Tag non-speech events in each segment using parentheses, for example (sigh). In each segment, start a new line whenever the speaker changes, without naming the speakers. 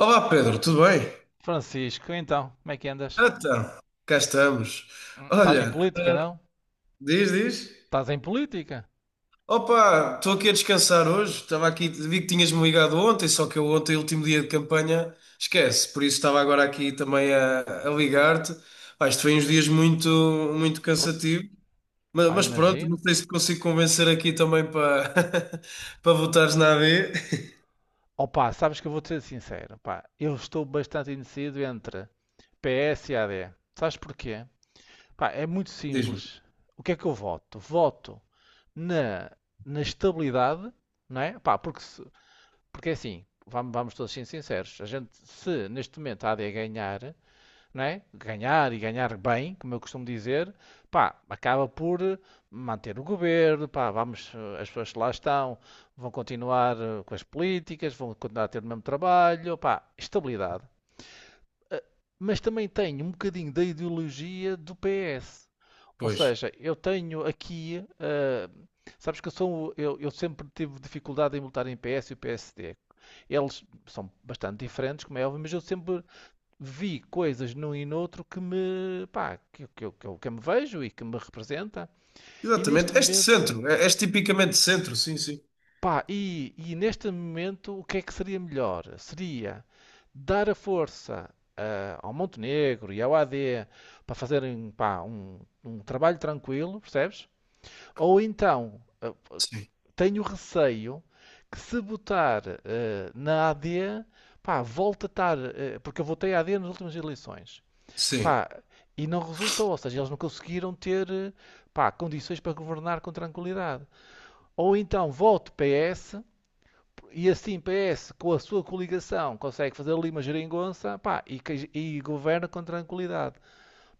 Olá, Pedro, tudo bem?
Francisco, então, como é que andas?
Então, cá estamos.
Estás em
Olha,
política, não?
diz, diz.
Estás em política?
Opa, estou aqui a descansar hoje. Estava aqui, vi que tinhas-me ligado ontem, só que eu ontem, último dia de campanha, esquece. Por isso estava agora aqui também a ligar-te. Pá, isto foi uns dias muito, muito
Pô,
cansativo. Mas,
pá,
mas pronto, não
imagino.
sei se te consigo convencer aqui também para (laughs) para votares na AD.
Opa, sabes que eu vou-te ser sincero, pá, eu estou bastante indeciso entre PS e AD. Sabes porquê? Pá, é muito
Diz-me.
simples. O que é que eu voto? Voto na, na estabilidade, não é? Pá, porque, porque é assim, vamos todos ser sinceros, a gente, se neste momento a AD ganhar, não é? Ganhar e ganhar bem, como eu costumo dizer, pá, acaba por manter o governo, pá, vamos, as pessoas que lá estão vão continuar com as políticas, vão continuar a ter o mesmo trabalho, pá, estabilidade. Mas também tenho um bocadinho da ideologia do PS. Ou
Pois.
seja, eu tenho aqui, sabes que eu sempre tive dificuldade em lutar em PS e o PSD. Eles são bastante diferentes, como é óbvio, mas eu sempre vi coisas num e noutro pá, que eu me vejo e que me representa. E neste
Exatamente. Este
momento,
centro, és tipicamente centro, sim, sim.
pá, e neste momento o que é que seria melhor? Seria dar a força ao Montenegro e ao AD para fazerem, pá, um trabalho tranquilo, percebes? Ou então,
Sim,
tenho receio que se botar na AD, pá, volta a estar, porque eu votei AD nas últimas eleições.
sim.
Pá, e não resultou, ou seja, eles não conseguiram ter, pá, condições para governar com tranquilidade. Ou então vote PS, e assim PS, com a sua coligação, consegue fazer ali uma geringonça, pá, e governa com tranquilidade.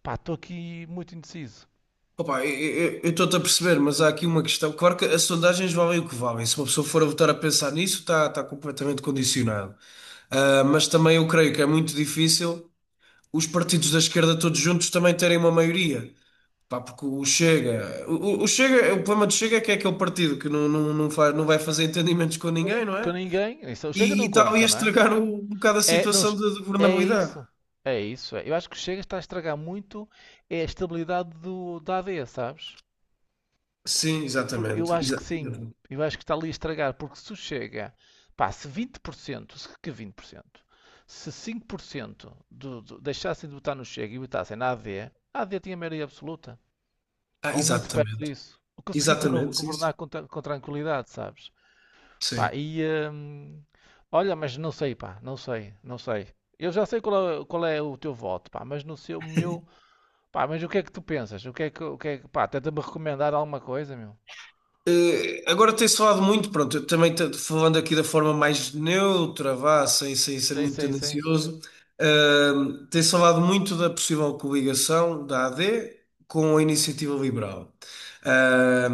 Pá, estou aqui muito indeciso.
Opa, eu estou-te a perceber, mas há aqui uma questão. Claro que as sondagens valem o que valem. Se uma pessoa for a votar a pensar nisso, está completamente condicionado. Ah, mas também eu creio que é muito difícil os partidos da esquerda todos juntos também terem uma maioria. Pá, porque o Chega, o problema do Chega é que é aquele partido que não faz, não vai fazer entendimentos com ninguém, não
Com
é?
ninguém, isso o chega
E
não
e tal, ia
conta, não é?
estragar um bocado a
É, não,
situação de
é
governabilidade.
isso. É isso, é. Eu acho que o Chega está a estragar muito a estabilidade da AD, sabes?
Sim,
Eu
exatamente.
acho que sim.
Exatamente.
Eu acho que está ali a estragar, porque se o chega, pá, se 20%, se que 20%, se 5% deixassem de votar no Chega e votassem na AD, a AD tinha maioria absoluta,
Ah,
ou muito perto
exatamente.
disso. Conseguia
Exatamente, sim,
governar
sim.
com tranquilidade, sabes?
Sim.
Pá, e hum, olha, mas não sei, pá, não sei, não sei. Eu já sei qual é o teu voto, pá, mas no seu, meu, pá, mas o que é que tu pensas? O que é que, o que é que, Pá, tenta-me recomendar alguma coisa, meu?
Agora, tem-se falado muito, pronto, eu também, falando aqui da forma mais neutra, vá, sem ser
Sim,
muito
sim, sim.
tendencioso, eh, tem-se falado muito da possível coligação da AD com a iniciativa liberal. Eh,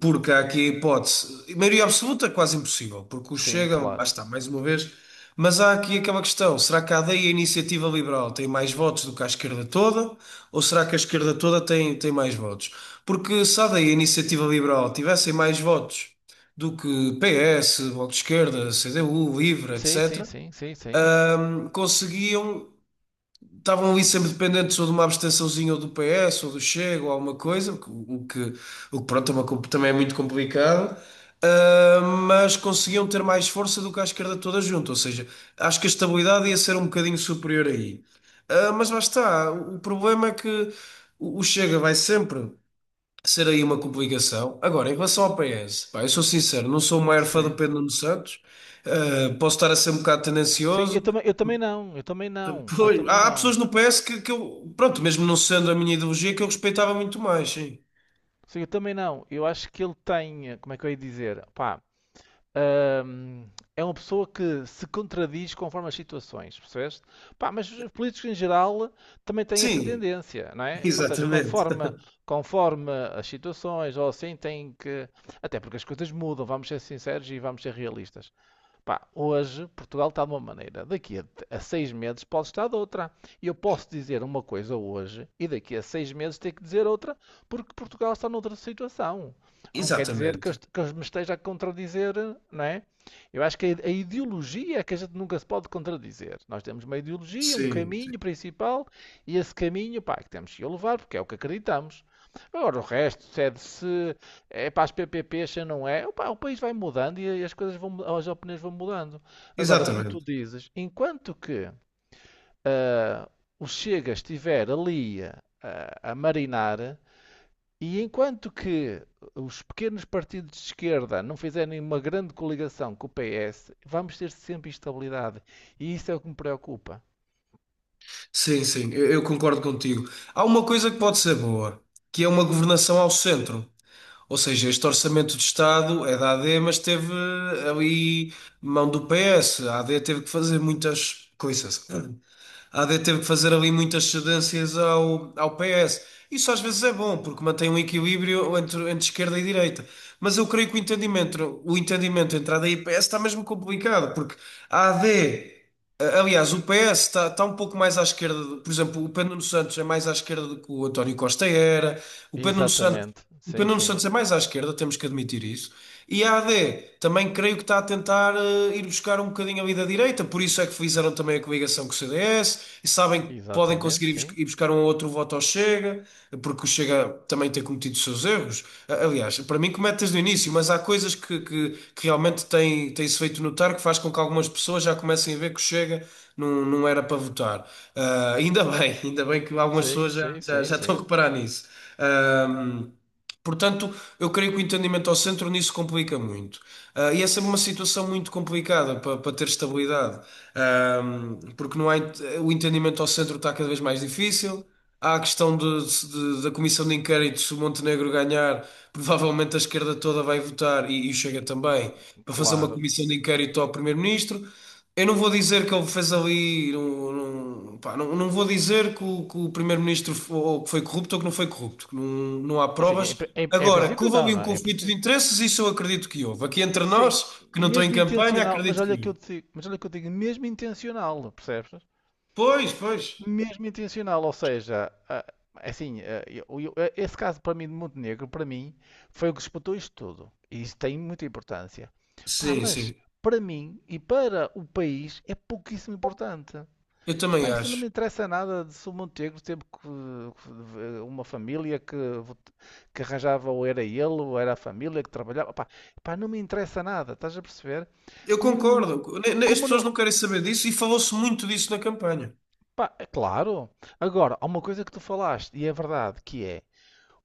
Porque há aqui a hipótese, maioria absoluta é quase impossível, porque o
Sim,
Chega, lá
claro.
está, mais uma vez. Mas há aqui aquela questão: será que a AD e a iniciativa liberal têm mais votos do que a esquerda toda? Ou será que a esquerda toda tem mais votos? Porque se a AD a Iniciativa Liberal tivessem mais votos do que PS, Bloco de Esquerda, CDU, Livre,
Sim, sim,
etc.,
sim, sim, sim.
conseguiam. Estavam ali sempre dependentes ou de uma abstençãozinha ou do PS ou do Chega ou alguma coisa, o que, pronto, é uma também é muito complicado, mas conseguiam ter mais força do que a esquerda toda junto. Ou seja, acho que a estabilidade ia ser um bocadinho superior aí. Mas lá está, o problema é que o Chega vai sempre ser aí uma complicação. Agora, em relação ao PS, pá, eu sou sincero, não sou o maior fã do
Sim.
Pedro Nuno Santos. Posso estar a ser um bocado
Sim,
tendencioso.
eu também não, eu também não, eu
Pois,
também
há pessoas
não.
no PS que eu, pronto, mesmo não sendo a minha ideologia, que eu respeitava muito mais, sim.
Sim, eu também não. Eu acho que ele tem, como é que eu ia dizer? Pá, hum, é uma pessoa que se contradiz conforme as situações, percebeste? Pá, mas os políticos em geral também têm essa
Sim,
tendência, não
(laughs)
é? Ou seja,
exatamente.
conforme as situações, ou assim, têm que. Até porque as coisas mudam, vamos ser sinceros e vamos ser realistas. Pá, hoje Portugal está de uma maneira, daqui a 6 meses pode estar de outra. E eu posso dizer uma coisa hoje e daqui a 6 meses ter que dizer outra, porque Portugal está noutra situação. Não quer dizer que,
Exatamente.
que me esteja a contradizer, não é? Eu acho que a ideologia é que a gente nunca se pode contradizer. Nós temos uma ideologia, um
Sim, sim.
caminho principal e esse caminho, pá, que temos que levar porque é o que acreditamos. Agora, o resto se é para as PPPs, se não é. Opa, o país vai mudando e as coisas vão, as opiniões vão mudando. Agora, como tu
Exatamente.
dizes, enquanto que o Chega estiver ali a marinar e enquanto que os pequenos partidos de esquerda não fizerem uma grande coligação com o PS, vamos ter sempre instabilidade. E isso é o que me preocupa.
Sim, sim, eu concordo contigo. Há uma coisa que pode ser boa, que é uma governação ao centro. Ou seja, este orçamento de Estado é da AD, mas teve ali mão do PS. A AD teve que fazer muitas coisas. A AD teve que fazer ali muitas cedências ao PS. Isso às vezes é bom, porque mantém um equilíbrio entre esquerda e direita. Mas eu creio que o entendimento entre a D e PS está mesmo complicado, porque a AD. Aliás, o PS está um pouco mais à esquerda, por exemplo, o Pedro Nuno Santos é mais à esquerda do que o António Costa era. o Pedro Nuno Santos,
Exatamente.
o Pedro
Sim,
Nuno
sim.
Santos é mais à esquerda, temos que admitir isso. E a AD também creio que está a tentar, ir buscar um bocadinho ali da direita, por isso é que fizeram também a coligação com o CDS, e sabem que podem
Exatamente,
conseguir ir bus-
sim.
ir ir buscar um outro voto ao Chega, porque o Chega também tem cometido os seus erros. Aliás, para mim comete desde o início, mas há coisas que realmente têm-se feito notar, que faz com que algumas pessoas já comecem a ver que o Chega não era para votar. Ainda (laughs) bem, ainda bem que algumas
Sim,
pessoas já,
sim,
já,
sim,
já estão a
sim.
reparar nisso. Portanto, eu creio que o entendimento ao centro nisso complica muito. E essa é uma situação muito complicada para, ter estabilidade. Porque não há, o entendimento ao centro está cada vez mais difícil. Há a questão da comissão de inquérito. Se o Montenegro ganhar, provavelmente a esquerda toda vai votar, e o Chega também, para fazer uma
Claro.
comissão de inquérito ao primeiro-ministro. Eu não vou dizer que ele fez ali. Não, não, pá, não vou dizer que o primeiro-ministro, ou que foi corrupto ou que não foi corrupto, que não há
Assim, em,
provas.
pri- em- em
Agora, que
princípio
houve
não,
ali
não
um
é? Em
conflito de
princípio.
interesses, isso eu acredito que houve. Aqui entre
Sim,
nós, que não estou em
mesmo
campanha,
intencional, mas
acredito que
olha que eu
houve.
te digo, mas olha que eu digo, mesmo intencional, percebes?
Pois, pois.
Mesmo intencional, ou seja, é assim, esse caso para mim de Montenegro, para mim, foi o que disputou isto tudo. E isso tem muita importância. Pá,
Sim,
mas
sim.
para mim e para o país é pouquíssimo importante.
Eu
Pá,
também
isso não
acho.
me interessa nada de se o Montenegro teve uma família vot- que arranjava ou era ele ou era a família que trabalhava. Pá, pá, não me interessa nada, estás a perceber?
Eu
Como não,
concordo. As
como
pessoas
não,
não querem saber disso, e falou-se muito disso na campanha.
pá, é claro. Agora, há uma coisa que tu falaste e é verdade, que é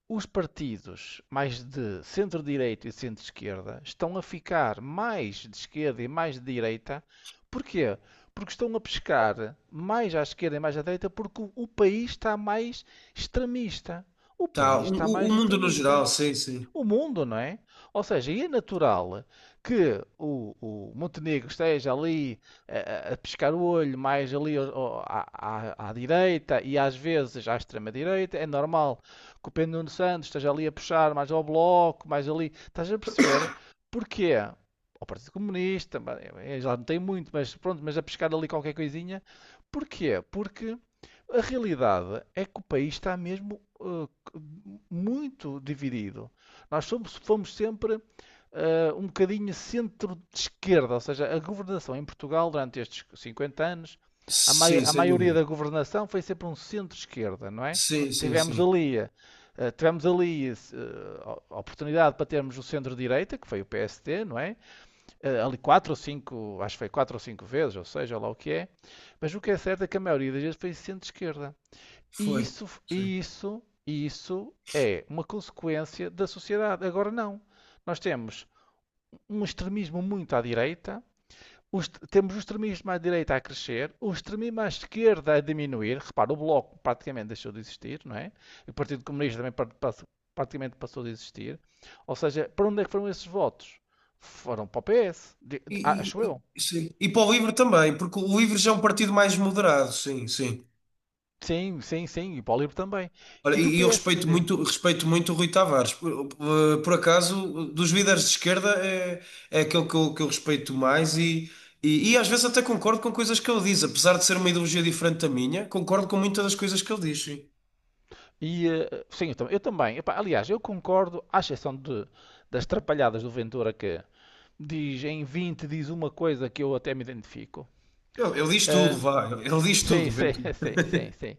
os partidos mais de centro-direita e centro-esquerda estão a ficar mais de esquerda e mais de direita. Porquê? Porque estão a pescar mais à esquerda e mais à direita porque o país está mais extremista. O
Tá,
país
o,
está
o
mais
o mundo no
extremista,
geral, sim, sim.
o mundo, não é? Ou seja, é natural que o Montenegro esteja ali a pescar o olho, mais ali à, à direita e às vezes à extrema-direita. É normal que o Pedro Nuno Santos esteja ali a puxar mais ao bloco, mais ali. Estás a perceber? Porquê? Ao Partido Comunista, já não tem muito, mas pronto, mas a pescar ali qualquer coisinha. Porquê? Porque. A realidade é que o país está mesmo muito dividido. Fomos sempre um bocadinho centro de esquerda, ou seja, a governação em Portugal durante estes 50 anos, a, mai-
Sim,
a
sem
maioria
dúvida.
da governação foi sempre um centro-esquerda, não é?
Sim, sim,
Tivemos
sim.
ali, eh, tivemos ali eh, a oportunidade para termos o centro-direita, que foi o PSD, não é? Ali quatro ou cinco, acho que foi quatro ou cinco vezes, ou seja, lá o que é. Mas o que é certo é que a maioria das vezes foi centro-esquerda. E
Foi.
isso,
Sim.
e isso, e isso é uma consequência da sociedade. Agora não. Nós temos um extremismo muito à direita, temos o extremismo à direita a crescer, o extremismo à esquerda a diminuir. Repara, o Bloco praticamente deixou de existir, não é? O Partido Comunista também praticamente passou de existir. Ou seja, para onde é que foram esses votos? Foram para o PS, acho eu.
Sim. E para o livro também, porque o livro já é um partido mais moderado, sim, sim.
Sim, sim, sim, e para o LIVRE também. E
Olha,
do
e eu
PSD?
respeito muito o Rui Tavares. Por acaso, dos líderes de esquerda é aquele que eu respeito mais, e às vezes até concordo com coisas que ele diz. Apesar de ser uma ideologia diferente da minha, concordo com muitas das coisas que ele diz, sim.
E, sim, eu também. Epá, aliás, eu concordo, à exceção das trapalhadas do Ventura que diz em 20 diz uma coisa que eu até me identifico.
Ele diz tudo,
Eh,
vá, ele diz
sim,
tudo,
sim,
Ventura.
(laughs) sim, sim, sim.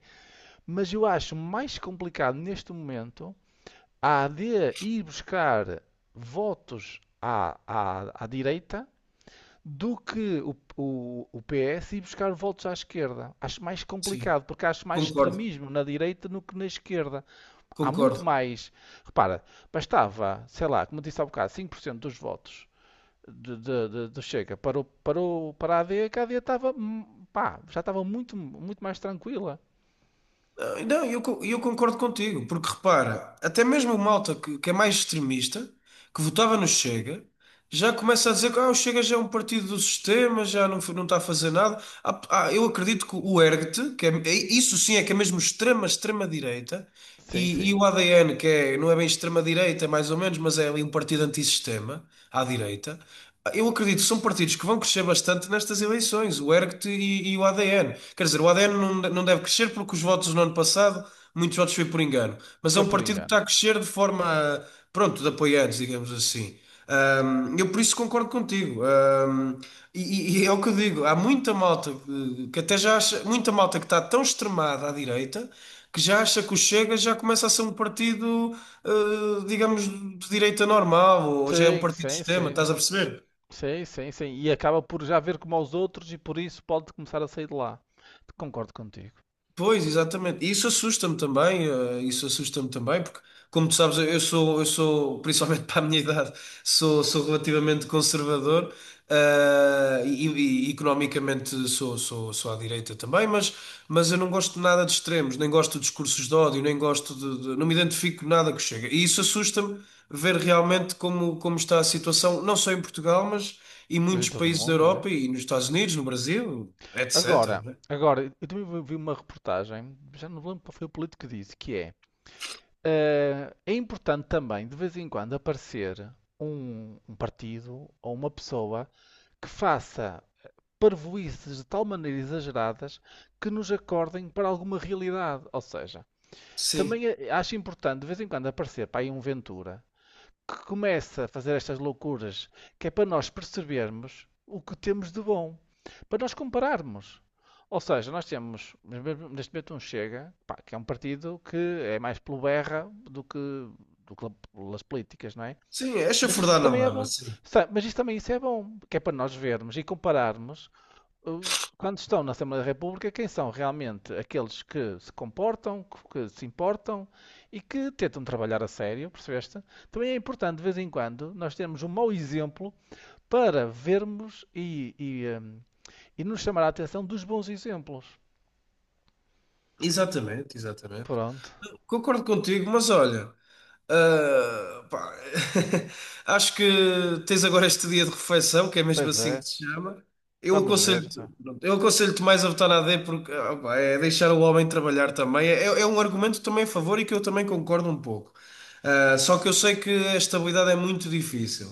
Mas eu acho mais complicado neste momento a AD ir buscar votos à direita do que o PS ir buscar votos à esquerda. Acho mais
Sim,
complicado, porque acho mais
concordo,
extremismo na direita do que na esquerda. Há muito
concordo.
mais. Repara, bastava, sei lá, como disse há bocado, 5% dos votos do Chega para a AD, que a AD estava, pá, já estava muito, muito mais tranquila.
Não, eu, eu concordo contigo, porque repara, até mesmo o malta que é mais extremista, que votava no Chega, já começa a dizer que, o Chega já é um partido do sistema, já não, não está a fazer nada. Eu acredito que o ERGT, isso sim é que é mesmo extrema, extrema-direita,
Sim,
e,
sim.
e o ADN, que é, não é bem extrema-direita, mais ou menos, mas é ali um partido antissistema, à direita. Eu acredito que são partidos que vão crescer bastante nestas eleições, o ERGT e o ADN. Quer dizer, o ADN não, não deve crescer porque os votos no ano passado, muitos votos foi por engano, mas é
Foi
um
por
partido que
engano.
está a crescer de forma, pronto, de apoiantes, digamos assim. Eu por isso concordo contigo. E é o que eu digo, há muita malta, que até já acha, muita malta que está tão extremada à direita que já acha que o Chega já começa a ser um partido, eh, digamos, de direita normal, ou já é um
Sim,
partido de
sim,
sistema,
sim.
estás a perceber?
Sim, sim, sim. E acaba por já ver como aos outros e por isso pode começar a sair de lá. Concordo contigo.
Pois, exatamente. E isso assusta-me também, isso assusta-me também, porque, como tu sabes, eu sou, principalmente (laughs) para a minha idade, sou relativamente conservador. E economicamente sou à direita também. Mas eu não gosto de nada de extremos, nem gosto de discursos de ódio, nem gosto não me identifico nada que chega. E isso assusta-me ver realmente como está a situação, não só em Portugal, mas em
Mas em
muitos
todo o
países da
mundo, não é?
Europa e nos Estados Unidos, no Brasil, etc,
Agora,
né?
agora, eu também vi uma reportagem, já não me lembro qual foi o político que disse, que é. É importante também, de vez em quando, aparecer um partido ou uma pessoa que faça parvoíces de tal maneira exageradas que nos acordem para alguma realidade. Ou seja,
Sim.
também acho importante, de vez em quando, aparecer para aí um Ventura que começa a fazer estas loucuras, que é para nós percebermos o que temos de bom, para nós compararmos. Ou seja, nós temos neste momento um Chega, pá, que é um partido que é mais pelo berra do que pelas políticas, não é?
Sim, é
Mas isso
chafurdar na
também é
lama,
bom.
sim.
Mas isso também isso é bom, que é para nós vermos e compararmos quando estão na Assembleia da República, quem são realmente aqueles que se comportam, que se importam e que tentam trabalhar a sério, percebeste? Também é importante, de vez em quando, nós termos um mau exemplo para vermos e nos chamar a atenção dos bons exemplos.
Exatamente, exatamente.
Pronto,
Concordo contigo, mas olha, pá, (laughs) acho que tens agora este dia de refeição, que é mesmo
pois
assim
é,
que se chama. Eu
vamos ver,
aconselho-te,
pá.
pronto, eu aconselho-te mais a votar na AD, porque, pá, é deixar o homem trabalhar também. É um argumento também a favor e que eu também concordo um pouco. Só que eu sei que a estabilidade é muito difícil.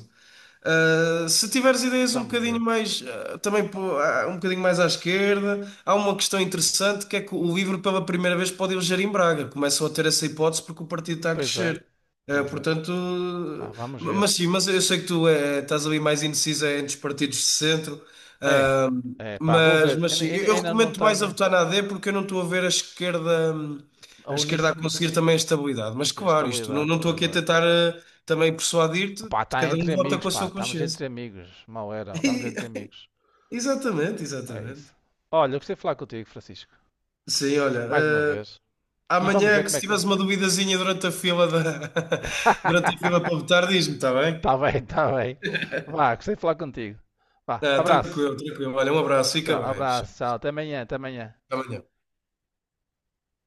Se tiveres ideias um
Vamos
bocadinho
ver.
mais, também pô, um bocadinho mais à esquerda, há uma questão interessante, que é que o LIVRE pela primeira vez pode eleger em Braga. Começam a ter essa hipótese, porque o partido está a
Pois é,
crescer.
pois é,
Portanto,
pá, vamos ver.
mas sim, mas eu sei que tu, estás ali mais indecisa entre os partidos de centro,
É, é, pá, vou
mas,
ver,
mas sim, eu
não
recomendo mais a
tenho
votar na A D, porque eu não estou a ver a esquerda,
a
a esquerda a
unir-se
conseguir também a estabilidade. Mas claro, isto, não,
estabilidade,
não estou
pois
aqui a
é.
tentar, também persuadir-te,
Pá,
que
está
cada
entre
um vota
amigos,
com a
pá.
sua
Estamos
consciência.
entre amigos. Mal era.
(laughs)
Estamos
E-
entre amigos.
Exatamente,
É
exatamente.
isso. Olha, eu gostei de falar contigo, Francisco.
Sim, olha,
Mais uma vez. E vamos
amanhã,
ver
que
como
se
é que.
tiveres uma duvidazinha durante a fila da,
(laughs)
(laughs) durante a fila para votar, diz-me, está bem?
Está bem, está bem. Vá, gostei de falar contigo. Vá,
Ah,
abraço.
tranquilo, tranquilo. Olha, um abraço,
Tchau,
fica bem. Até
abraço, tchau. Até amanhã, até amanhã.
amanhã.